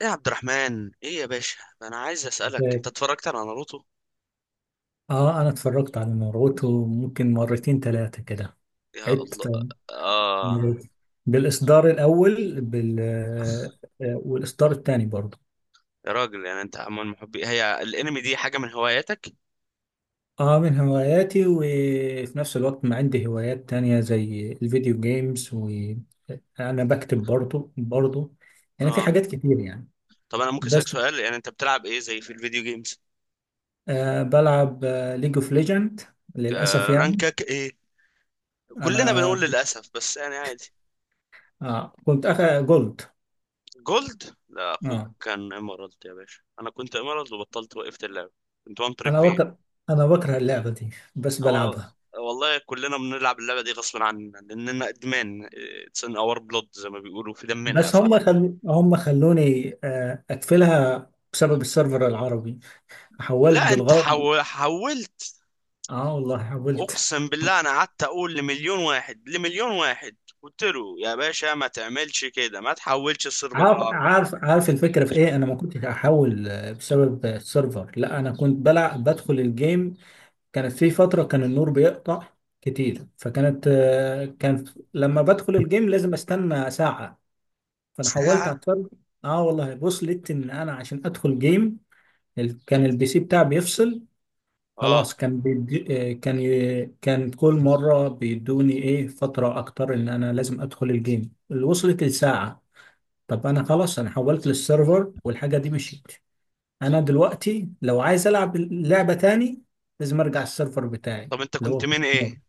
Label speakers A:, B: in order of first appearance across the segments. A: ايه يا عبد الرحمن، ايه يا باشا، انا عايز اسالك، انت
B: ازيك؟
A: اتفرجت على ناروتو؟
B: اه، انا اتفرجت على مرغوته ممكن مرتين ثلاثة كده،
A: يا الله.
B: عدت.
A: اه.
B: بالاصدار الاول بال آه، آه، والاصدار الثاني برضه.
A: يا راجل، يعني انت من محبي هي الانمي دي؟ حاجه من هواياتك؟
B: اه، من هواياتي، وفي نفس الوقت ما عندي هوايات تانية زي الفيديو جيمز، وانا بكتب برضه، يعني في
A: اه.
B: حاجات كتير يعني.
A: طب انا ممكن اسالك
B: بس
A: سؤال، يعني انت بتلعب ايه زي في الفيديو جيمز؟
B: بلعب ليج اوف ليجند للاسف
A: آه،
B: يعني.
A: رانكك ايه؟ كلنا
B: انا
A: بنقول للاسف، بس يعني عادي.
B: كنت جولد.
A: جولد؟ لا، اخوك
B: اه،
A: كان ايمرالد يا باشا. انا كنت ايمرالد وبطلت، وقفت اللعبه. كنت وان تريك
B: انا
A: في...
B: بكره انا بكره اللعبه دي، بس
A: هو
B: بلعبها.
A: والله كلنا بنلعب اللعبه دي غصب عننا لاننا ادمان. اتس ان اور بلود، زي ما بيقولوا في دمنا يا
B: بس
A: صاحبي.
B: هم خلوني اقفلها بسبب السيرفر العربي. حولت
A: لا انت
B: بالغلط.
A: حولت.
B: اه والله حولت.
A: اقسم بالله انا قعدت اقول لمليون واحد، لمليون واحد قلت له: يا باشا ما تعملش كده، ما تحولش الصير
B: عارف
A: بالعرض.
B: عارف عارف الفكره في ايه. انا ما كنتش احول بسبب السيرفر. لا، انا كنت بلعب بدخل الجيم. كانت في فتره كان النور بيقطع كتير، فكانت كان لما بدخل الجيم لازم استنى ساعه. فانا حولت على
A: ساعة؟
B: السيرفر. اه والله، وصلت ان انا عشان ادخل جيم، كان البي سي بتاعي بيفصل.
A: اه.
B: خلاص، كان بيدي، كان كل مرة بيدوني ايه فترة اكتر، ان انا لازم ادخل الجيم، اللي وصلت لساعة. طب انا خلاص انا حولت للسيرفر، والحاجة دي مشيت. انا دلوقتي لو عايز العب لعبة تاني لازم ارجع السيرفر بتاعي،
A: طب انت
B: اللي
A: كنت
B: هو
A: من
B: مر.
A: ايه؟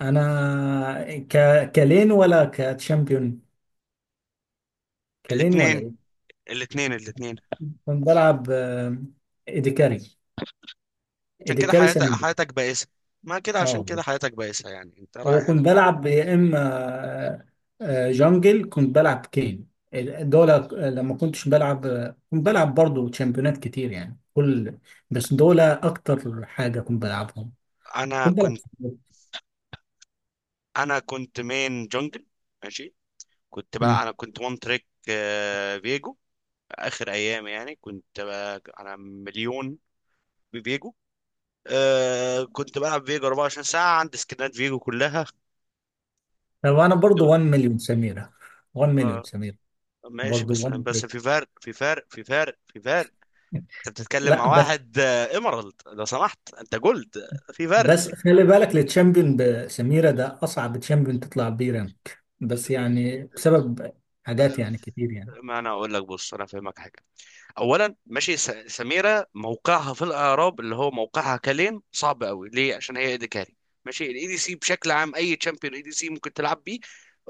B: انا ك... كلين ولا كتشامبيون، كلين ولا
A: الاتنين،
B: ايه؟
A: الاتنين الاتنين.
B: كنت بلعب ايديكاري
A: عشان كده
B: ايديكاري
A: حياتك،
B: سمين.
A: حياتك بائسة. ما كده، عشان
B: اه،
A: كده حياتك بائسة، يعني انت رايح
B: وكنت بلعب يا اما آه، جانجل، كنت بلعب كين. دول لما كنتش بلعب، كنت بلعب برضو تشامبيونات كتير يعني كل، بس دول اكتر حاجة كنت بلعبهم.
A: انا
B: كنت بلعب.
A: كنت مين جونجل. ماشي. كنت
B: مم.
A: بقى انا كنت وان تريك فيجو، اخر ايام، يعني كنت بقى انا مليون بفيجو. آه، كنت بلعب فيجو 24 ساعة، عندي سكنات فيجو كلها. كنت
B: طب انا
A: ب-
B: برضو 1 مليون سميرة، 1 مليون
A: آه
B: سميرة،
A: ماشي.
B: برضو
A: بس
B: 1
A: بس
B: مليون.
A: في فرق، في فرق، في فرق، في فرق. انت بتتكلم
B: لا،
A: مع
B: بس
A: واحد ايمرالد لو سمحت، انت جولد. في فرق.
B: بس خلي بالك، التشامبيون بسميرة ده اصعب تشامبيون تطلع بيه رانك، بس يعني بسبب حاجات يعني كتير يعني.
A: ما انا اقول لك، بص انا افهمك حاجة. اولا ماشي، سميره موقعها في الاعراب، اللي هو موقعها كلام صعب قوي ليه، عشان هي ايديكاري. ماشي، الاي دي سي بشكل عام، اي تشامبيون اي دي سي ممكن تلعب بيه.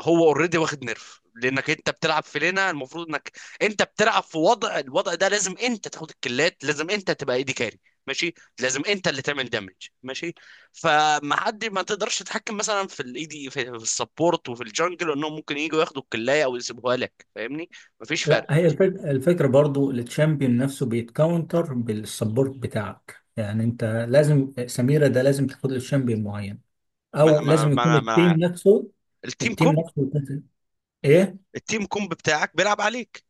A: هو اوريدي واخد نيرف، لانك انت بتلعب في لينا، المفروض انك انت بتلعب في وضع، الوضع ده لازم انت تاخد الكلات، لازم انت تبقى ايدي كاري. ماشي. لازم انت اللي تعمل دامج. ماشي. فما حد، ما تقدرش تتحكم مثلا في الاي دي في، في السبورت، وفي الجنجل، انهم ممكن يجوا ياخدوا الكلايه او يسيبوها لك. فاهمني؟ مفيش
B: لا،
A: فرق.
B: هي الفكرة، برضو التشامبيون نفسه بيتكاونتر بالسبورت بتاعك، يعني انت لازم سميرة ده لازم تاخد له تشامبيون معين،
A: ما
B: او
A: ما
B: لازم يكون
A: ما
B: التيم
A: ما
B: نفسه
A: التيم
B: التيم
A: كومب،
B: نفسه يكون- ايه،
A: التيم كومب بتاعك بيلعب عليك.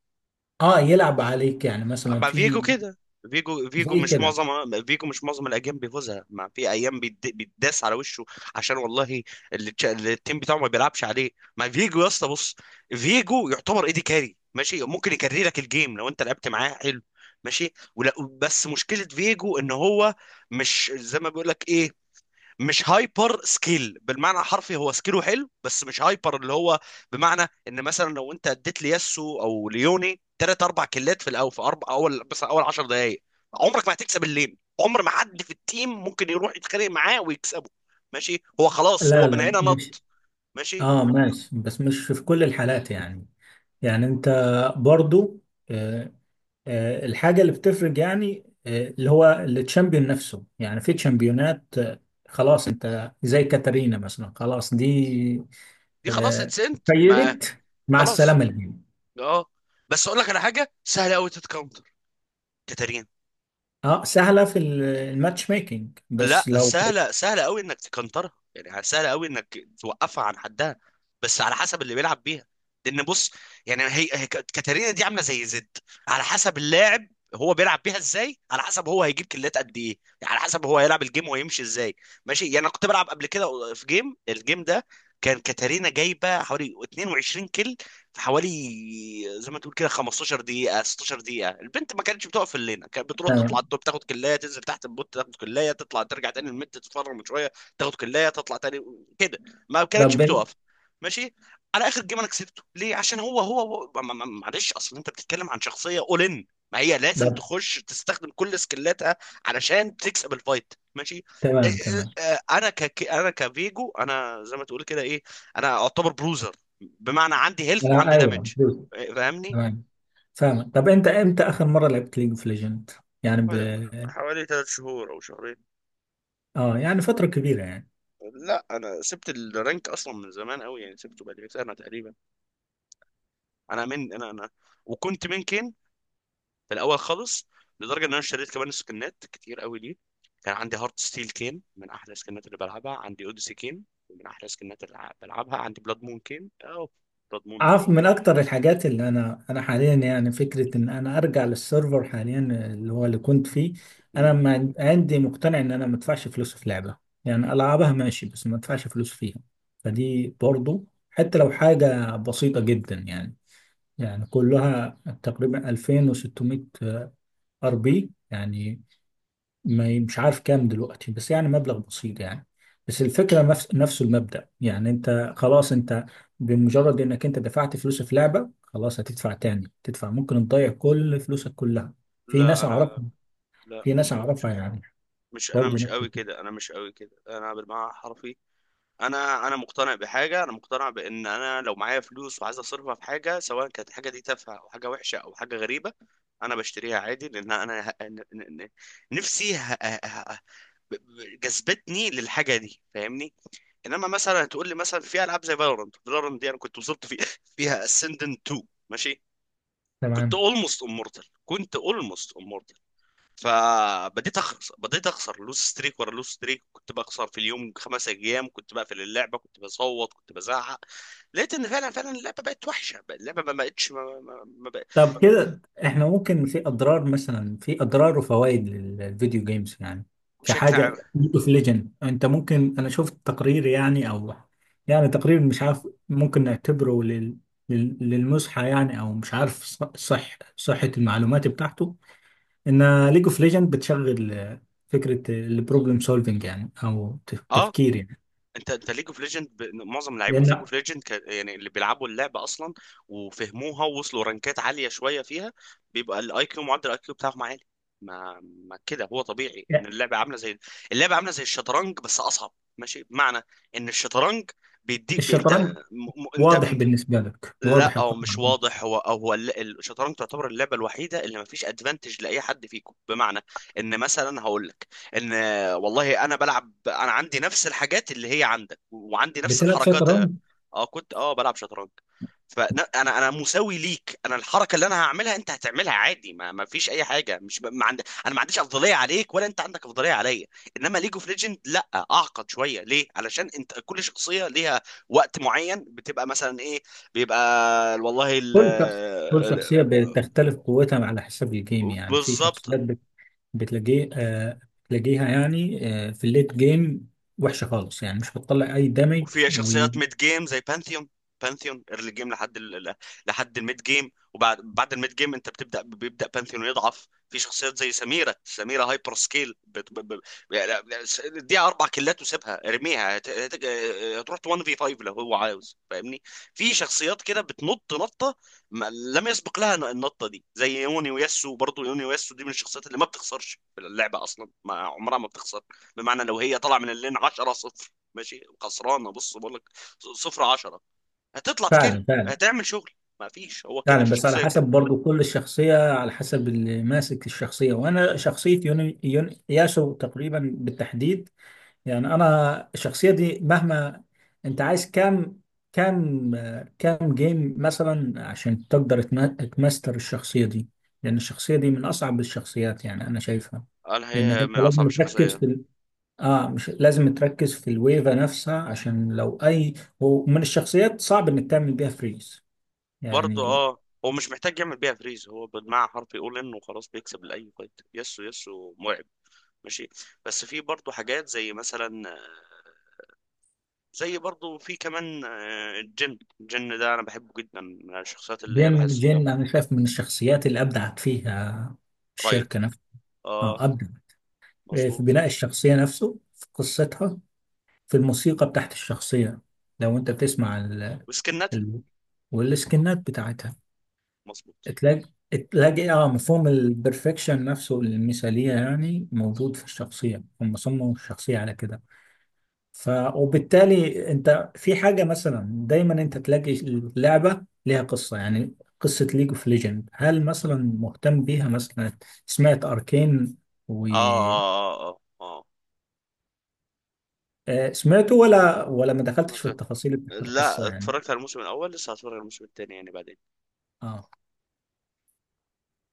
B: اه، يلعب عليك، يعني مثلا
A: مع فيجو
B: في،
A: كده، فيجو، فيجو
B: زي
A: مش
B: كده.
A: معظم فيجو مش معظم الايام بيفوزها، ما في ايام بيتداس على وشه، عشان والله، اللي التيم بتاعه ما بيلعبش عليه. مع فيجو يا اسطى، بص، فيجو يعتبر ايدي كاري، ماشي، ممكن يكري لك الجيم لو انت لعبت معاه حلو، ماشي ولا. بس مشكله فيجو ان هو مش زي ما بيقول لك ايه، مش هايبر سكيل بالمعنى الحرفي، هو سكيله حلو بس مش هايبر، اللي هو بمعنى ان مثلا لو انت اديت لياسو او ليوني ثلاث اربع كلات في الاول، في اربع اول، بس اول 10 دقائق، عمرك ما هتكسب الليل، عمر ما حد في التيم ممكن يروح يتخانق معاه ويكسبه. ماشي، هو خلاص، هو
B: لا،
A: من
B: لا،
A: هنا
B: مش،
A: نط. ماشي،
B: اه، ماشي، بس مش في كل الحالات يعني. يعني انت برضو آه، الحاجة اللي بتفرق، يعني اللي هو التشامبيون نفسه، يعني في تشامبيونات خلاص انت زي كاترينا مثلا، خلاص دي
A: دي خلاص
B: آه،
A: اتسنت. ما
B: فيلت مع
A: خلاص،
B: السلامة الجيم.
A: اه. بس اقول لك على حاجه سهله قوي تتكونتر، كاتارينا.
B: اه، سهلة في الماتش ميكنج،
A: لا
B: بس لو،
A: سهله، سهله قوي انك تكنترها، يعني سهله قوي انك توقفها عن حدها، بس على حسب اللي بيلعب بيها. لان بص، يعني كاتارينا دي عامله زي زد، على حسب اللاعب، هو بيلعب بيها ازاي، على حسب هو هيجيب كلات قد ايه، يعني على حسب هو هيلعب الجيم وهيمشي ازاي. ماشي، يعني انا كنت بلعب قبل كده في جيم، الجيم ده كان كاتارينا جايبه حوالي 22 كل، في حوالي زي ما تقول كده 15 دقيقه 16 دقيقه، البنت ما كانتش بتقف في اللينه، كانت بتروح تطلع
B: تمام.
A: التوب تاخد كلايه، تنزل تحت البوت تاخد كلايه، تطلع ترجع تاني الميد تتفرج شويه، تاخد كلايه تطلع تاني كده، ما كانتش
B: طب
A: بتقف. ماشي. على اخر جيم انا كسبته ليه، عشان هو هو, هو ما- ما- ما- معلش، اصل انت بتتكلم عن شخصيه، اول ان ما هي لازم
B: طب،
A: تخش تستخدم كل سكيلاتها علشان تكسب الفايت. ماشي.
B: تمام تمام،
A: انا انا كفيجو، انا زي ما تقول كده ايه، انا اعتبر بروزر، بمعنى عندي هيلث وعندي دامج.
B: ايوه دوس.
A: فاهمني؟
B: تمام، فاهم. طب انت امتى اخر مرة لعبت ليج اوف ليجند؟ يعني
A: حوالي، حوالي ثلاث شهور او شهرين.
B: اه، يعني فترة كبيرة يعني.
A: لا انا سبت الرانك اصلا من زمان قوي، يعني سبته بقالي سنه تقريبا. انا من انا انا وكنت منكن في الاول خالص، لدرجه ان انا اشتريت كمان سكنات كتير قوي ليه. كان عندي هارت ستيل كين، من احلى السكنات اللي بلعبها، عندي اوديسي كين من احلى السكنات اللي بلعبها، عندي بلاد مون كين او بلاد مون
B: عارف
A: دي.
B: من اكتر الحاجات اللي انا حاليا، يعني فكره ان انا ارجع للسيرفر حاليا اللي هو اللي كنت فيه. انا
A: مم.
B: ما عن- عندي مقتنع ان انا ما ادفعش فلوس في لعبه، يعني العبها ماشي بس ما ادفعش فلوس فيها. فدي برضو حتى لو حاجه بسيطه جدا يعني، يعني كلها تقريبا 2600 ار بي يعني، ما ي- مش عارف كام دلوقتي، بس يعني مبلغ بسيط يعني. بس الفكرة نفس المبدأ، يعني انت خلاص انت، بمجرد انك انت دفعت فلوس في لعبة خلاص هتدفع تاني، تدفع ممكن تضيع كل فلوسك كلها. في
A: لا
B: ناس
A: انا،
B: اعرفها،
A: لا مش مش
B: يعني
A: مش انا،
B: برضه
A: مش
B: نفس
A: قوي
B: الفكرة.
A: كده، انا مش قوي كده، انا بالمعنى الحرفي. انا مقتنع بحاجه، انا مقتنع بان انا لو معايا فلوس وعايز اصرفها في حاجه، سواء كانت الحاجه دي تافهه او حاجه وحشه او حاجه غريبه، انا بشتريها عادي، لان انا نفسي جذبتني للحاجه دي. فاهمني؟ انما مثلا هتقول لي مثلا في العاب زي فالورانت، فالورانت دي انا كنت وصلت في فيها اسندنت 2. ماشي. كنت
B: تمام.
A: اولموست امورتال، كنت اولموست، فبديت اخسر، بديت اخسر لوس ستريك ورا لوس ستريك، كنت بخسر في اليوم خمس ايام، كنت بقفل اللعبه، كنت بصوت، كنت بزعق، لقيت ان فعلا فعلا اللعبه بقت وحشه، اللعبه ما بقتش، ما ما ما بقت.
B: طب كده احنا ممكن في اضرار، مثلا في اضرار وفوائد للفيديو جيمز يعني،
A: بشكل عام
B: كحاجه، اوف ليجند، انت ممكن، انا شفت تقرير يعني، او يعني تقرير مش عارف ممكن نعتبره للمزحه يعني، او مش عارف صح صحه المعلومات بتاعته، ان ليج اوف ليجند بتشغل فكره البروبلم سولفنج، يعني او
A: اه.
B: تفكير يعني.
A: انت ليج اوف ليجند، معظم لعيبه ليج
B: لان
A: اوف ليجند يعني، اللي بيلعبوا اللعبه اصلا وفهموها ووصلوا رانكات عاليه شويه فيها، بيبقى الاي كيو، معدل الاي كيو بتاعهم عالي. ما كده، هو طبيعي ان اللعبه عامله زي، اللعبه عامله زي الشطرنج بس اصعب. ماشي، بمعنى ان الشطرنج بيديك انت،
B: الشطرنج
A: انت
B: واضح
A: انت،
B: بالنسبه لك،
A: لا
B: واضح
A: او
B: القطعه.
A: مش واضح، هو او هو الل- الشطرنج تعتبر اللعبه الوحيده اللي ما فيش ادفانتج لاي حد فيكم، بمعنى ان مثلا هقول لك ان والله انا بلعب، انا عندي نفس الحاجات اللي هي عندك، وعندي نفس
B: بتلعب
A: الحركات.
B: شطرنج؟
A: اه كنت، اه بلعب شطرنج. فانا انا أنا مساوي ليك، انا الحركه اللي انا هعملها انت هتعملها عادي، ما فيش اي حاجه، مش ب... ما عند... انا ما عنديش افضليه عليك، ولا انت عندك افضليه عليا. انما ليج اوف ليجند لا، اعقد شويه ليه، علشان انت كل شخصيه ليها وقت معين، بتبقى مثلا ايه، بيبقى والله
B: كل شخص كل شخصية بتختلف قوتها على حسب الجيم، يعني في
A: بالظبط.
B: شخصيات بتلاقيه آه بتلاقيها، يعني في الليت جيم وحشة خالص، يعني مش بتطلع أي دمج،
A: وفي شخصيات
B: وفعلا
A: ميد جيم زي بانثيون، بانثيون ايرلي جيم لحد لحد الميد جيم، وبعد بعد الميد جيم انت بتبدا، بيبدا بانثيون يضعف. في شخصيات زي سميره، سميره هايبر سكيل يعني، دي اربع كيلات وسيبها ارميها، هت... هت... آه، هتروح 1 في 5 لو هو عاوز. فاهمني؟ في شخصيات كده بتنط نطه ما... لم يسبق لها النطه دي، زي يوني وياسو، برضه يوني وياسو دي من الشخصيات اللي ما بتخسرش في اللعبه اصلا، ما عمرها ما بتخسر. بمعنى لو هي طالعه من اللين 10 0 ماشي، خسرانه، بص بقول لك، صفر عشرة، هتطلع تكل،
B: فعلا
A: هتعمل شغل. ما فيش، هو كده
B: فعلا، بس على
A: الشخصيه
B: حسب
A: كده.
B: برضو كل الشخصية على حسب اللي ماسك الشخصية، وأنا شخصية يون ياسو تقريبا بالتحديد، يعني انا الشخصيه دي مهما. انت عايز كام، كام كام جيم مثلا عشان تقدر تماستر الشخصيه دي؟ لان الشخصيه دي من اصعب الشخصيات، يعني انا شايفها،
A: انا
B: لانك
A: هي
B: انت
A: من اصعب
B: لازم تركز
A: الشخصيه.
B: في اه، مش لازم تركز في الويفه نفسها، عشان لو اي. ومن الشخصيات صعب انك تعمل بيها فريز
A: برضه
B: يعني.
A: اه، هو مش محتاج يعمل بيها فريز، هو بالمعنى حرفي يقول انه خلاص بيكسب لاي فايت. يسو، يسو مرعب. ماشي. بس في برضه حاجات زي مثلا، زي برضه في كمان الجن، الجن ده انا بحبه جدا، من الشخصيات اللي هي
B: جين
A: بحس،
B: جين انا شايف من الشخصيات اللي ابدعت فيها
A: رايت.
B: الشركه نفسها.
A: اه.
B: اه، ابدع في
A: مظبوط.
B: بناء الشخصيه نفسه، في قصتها، في الموسيقى بتاعت الشخصية. لو انت بتسمع
A: وسكنتها.
B: ال... والسكنات بتاعتها،
A: مظبوط.
B: تلاقي، اه، مفهوم البرفكشن نفسه، المثالية يعني، موجود في الشخصية، هم صمموا الشخصية على كده. ف وبالتالي انت في حاجة مثلا، دايما انت تلاقي اللعبة ليها قصة، يعني قصة ليج اوف ليجند، هل مثلا مهتم بيها مثلا؟ سمعت اركين و
A: اه اه اه اه, آه.
B: آه، سمعته، ولا، ما دخلتش
A: سمعت.
B: في التفاصيل بتاعت القصة
A: لا
B: يعني،
A: اتفرجت على الموسم الاول، لسه هتفرج على الموسم الثاني يعني بعدين.
B: اه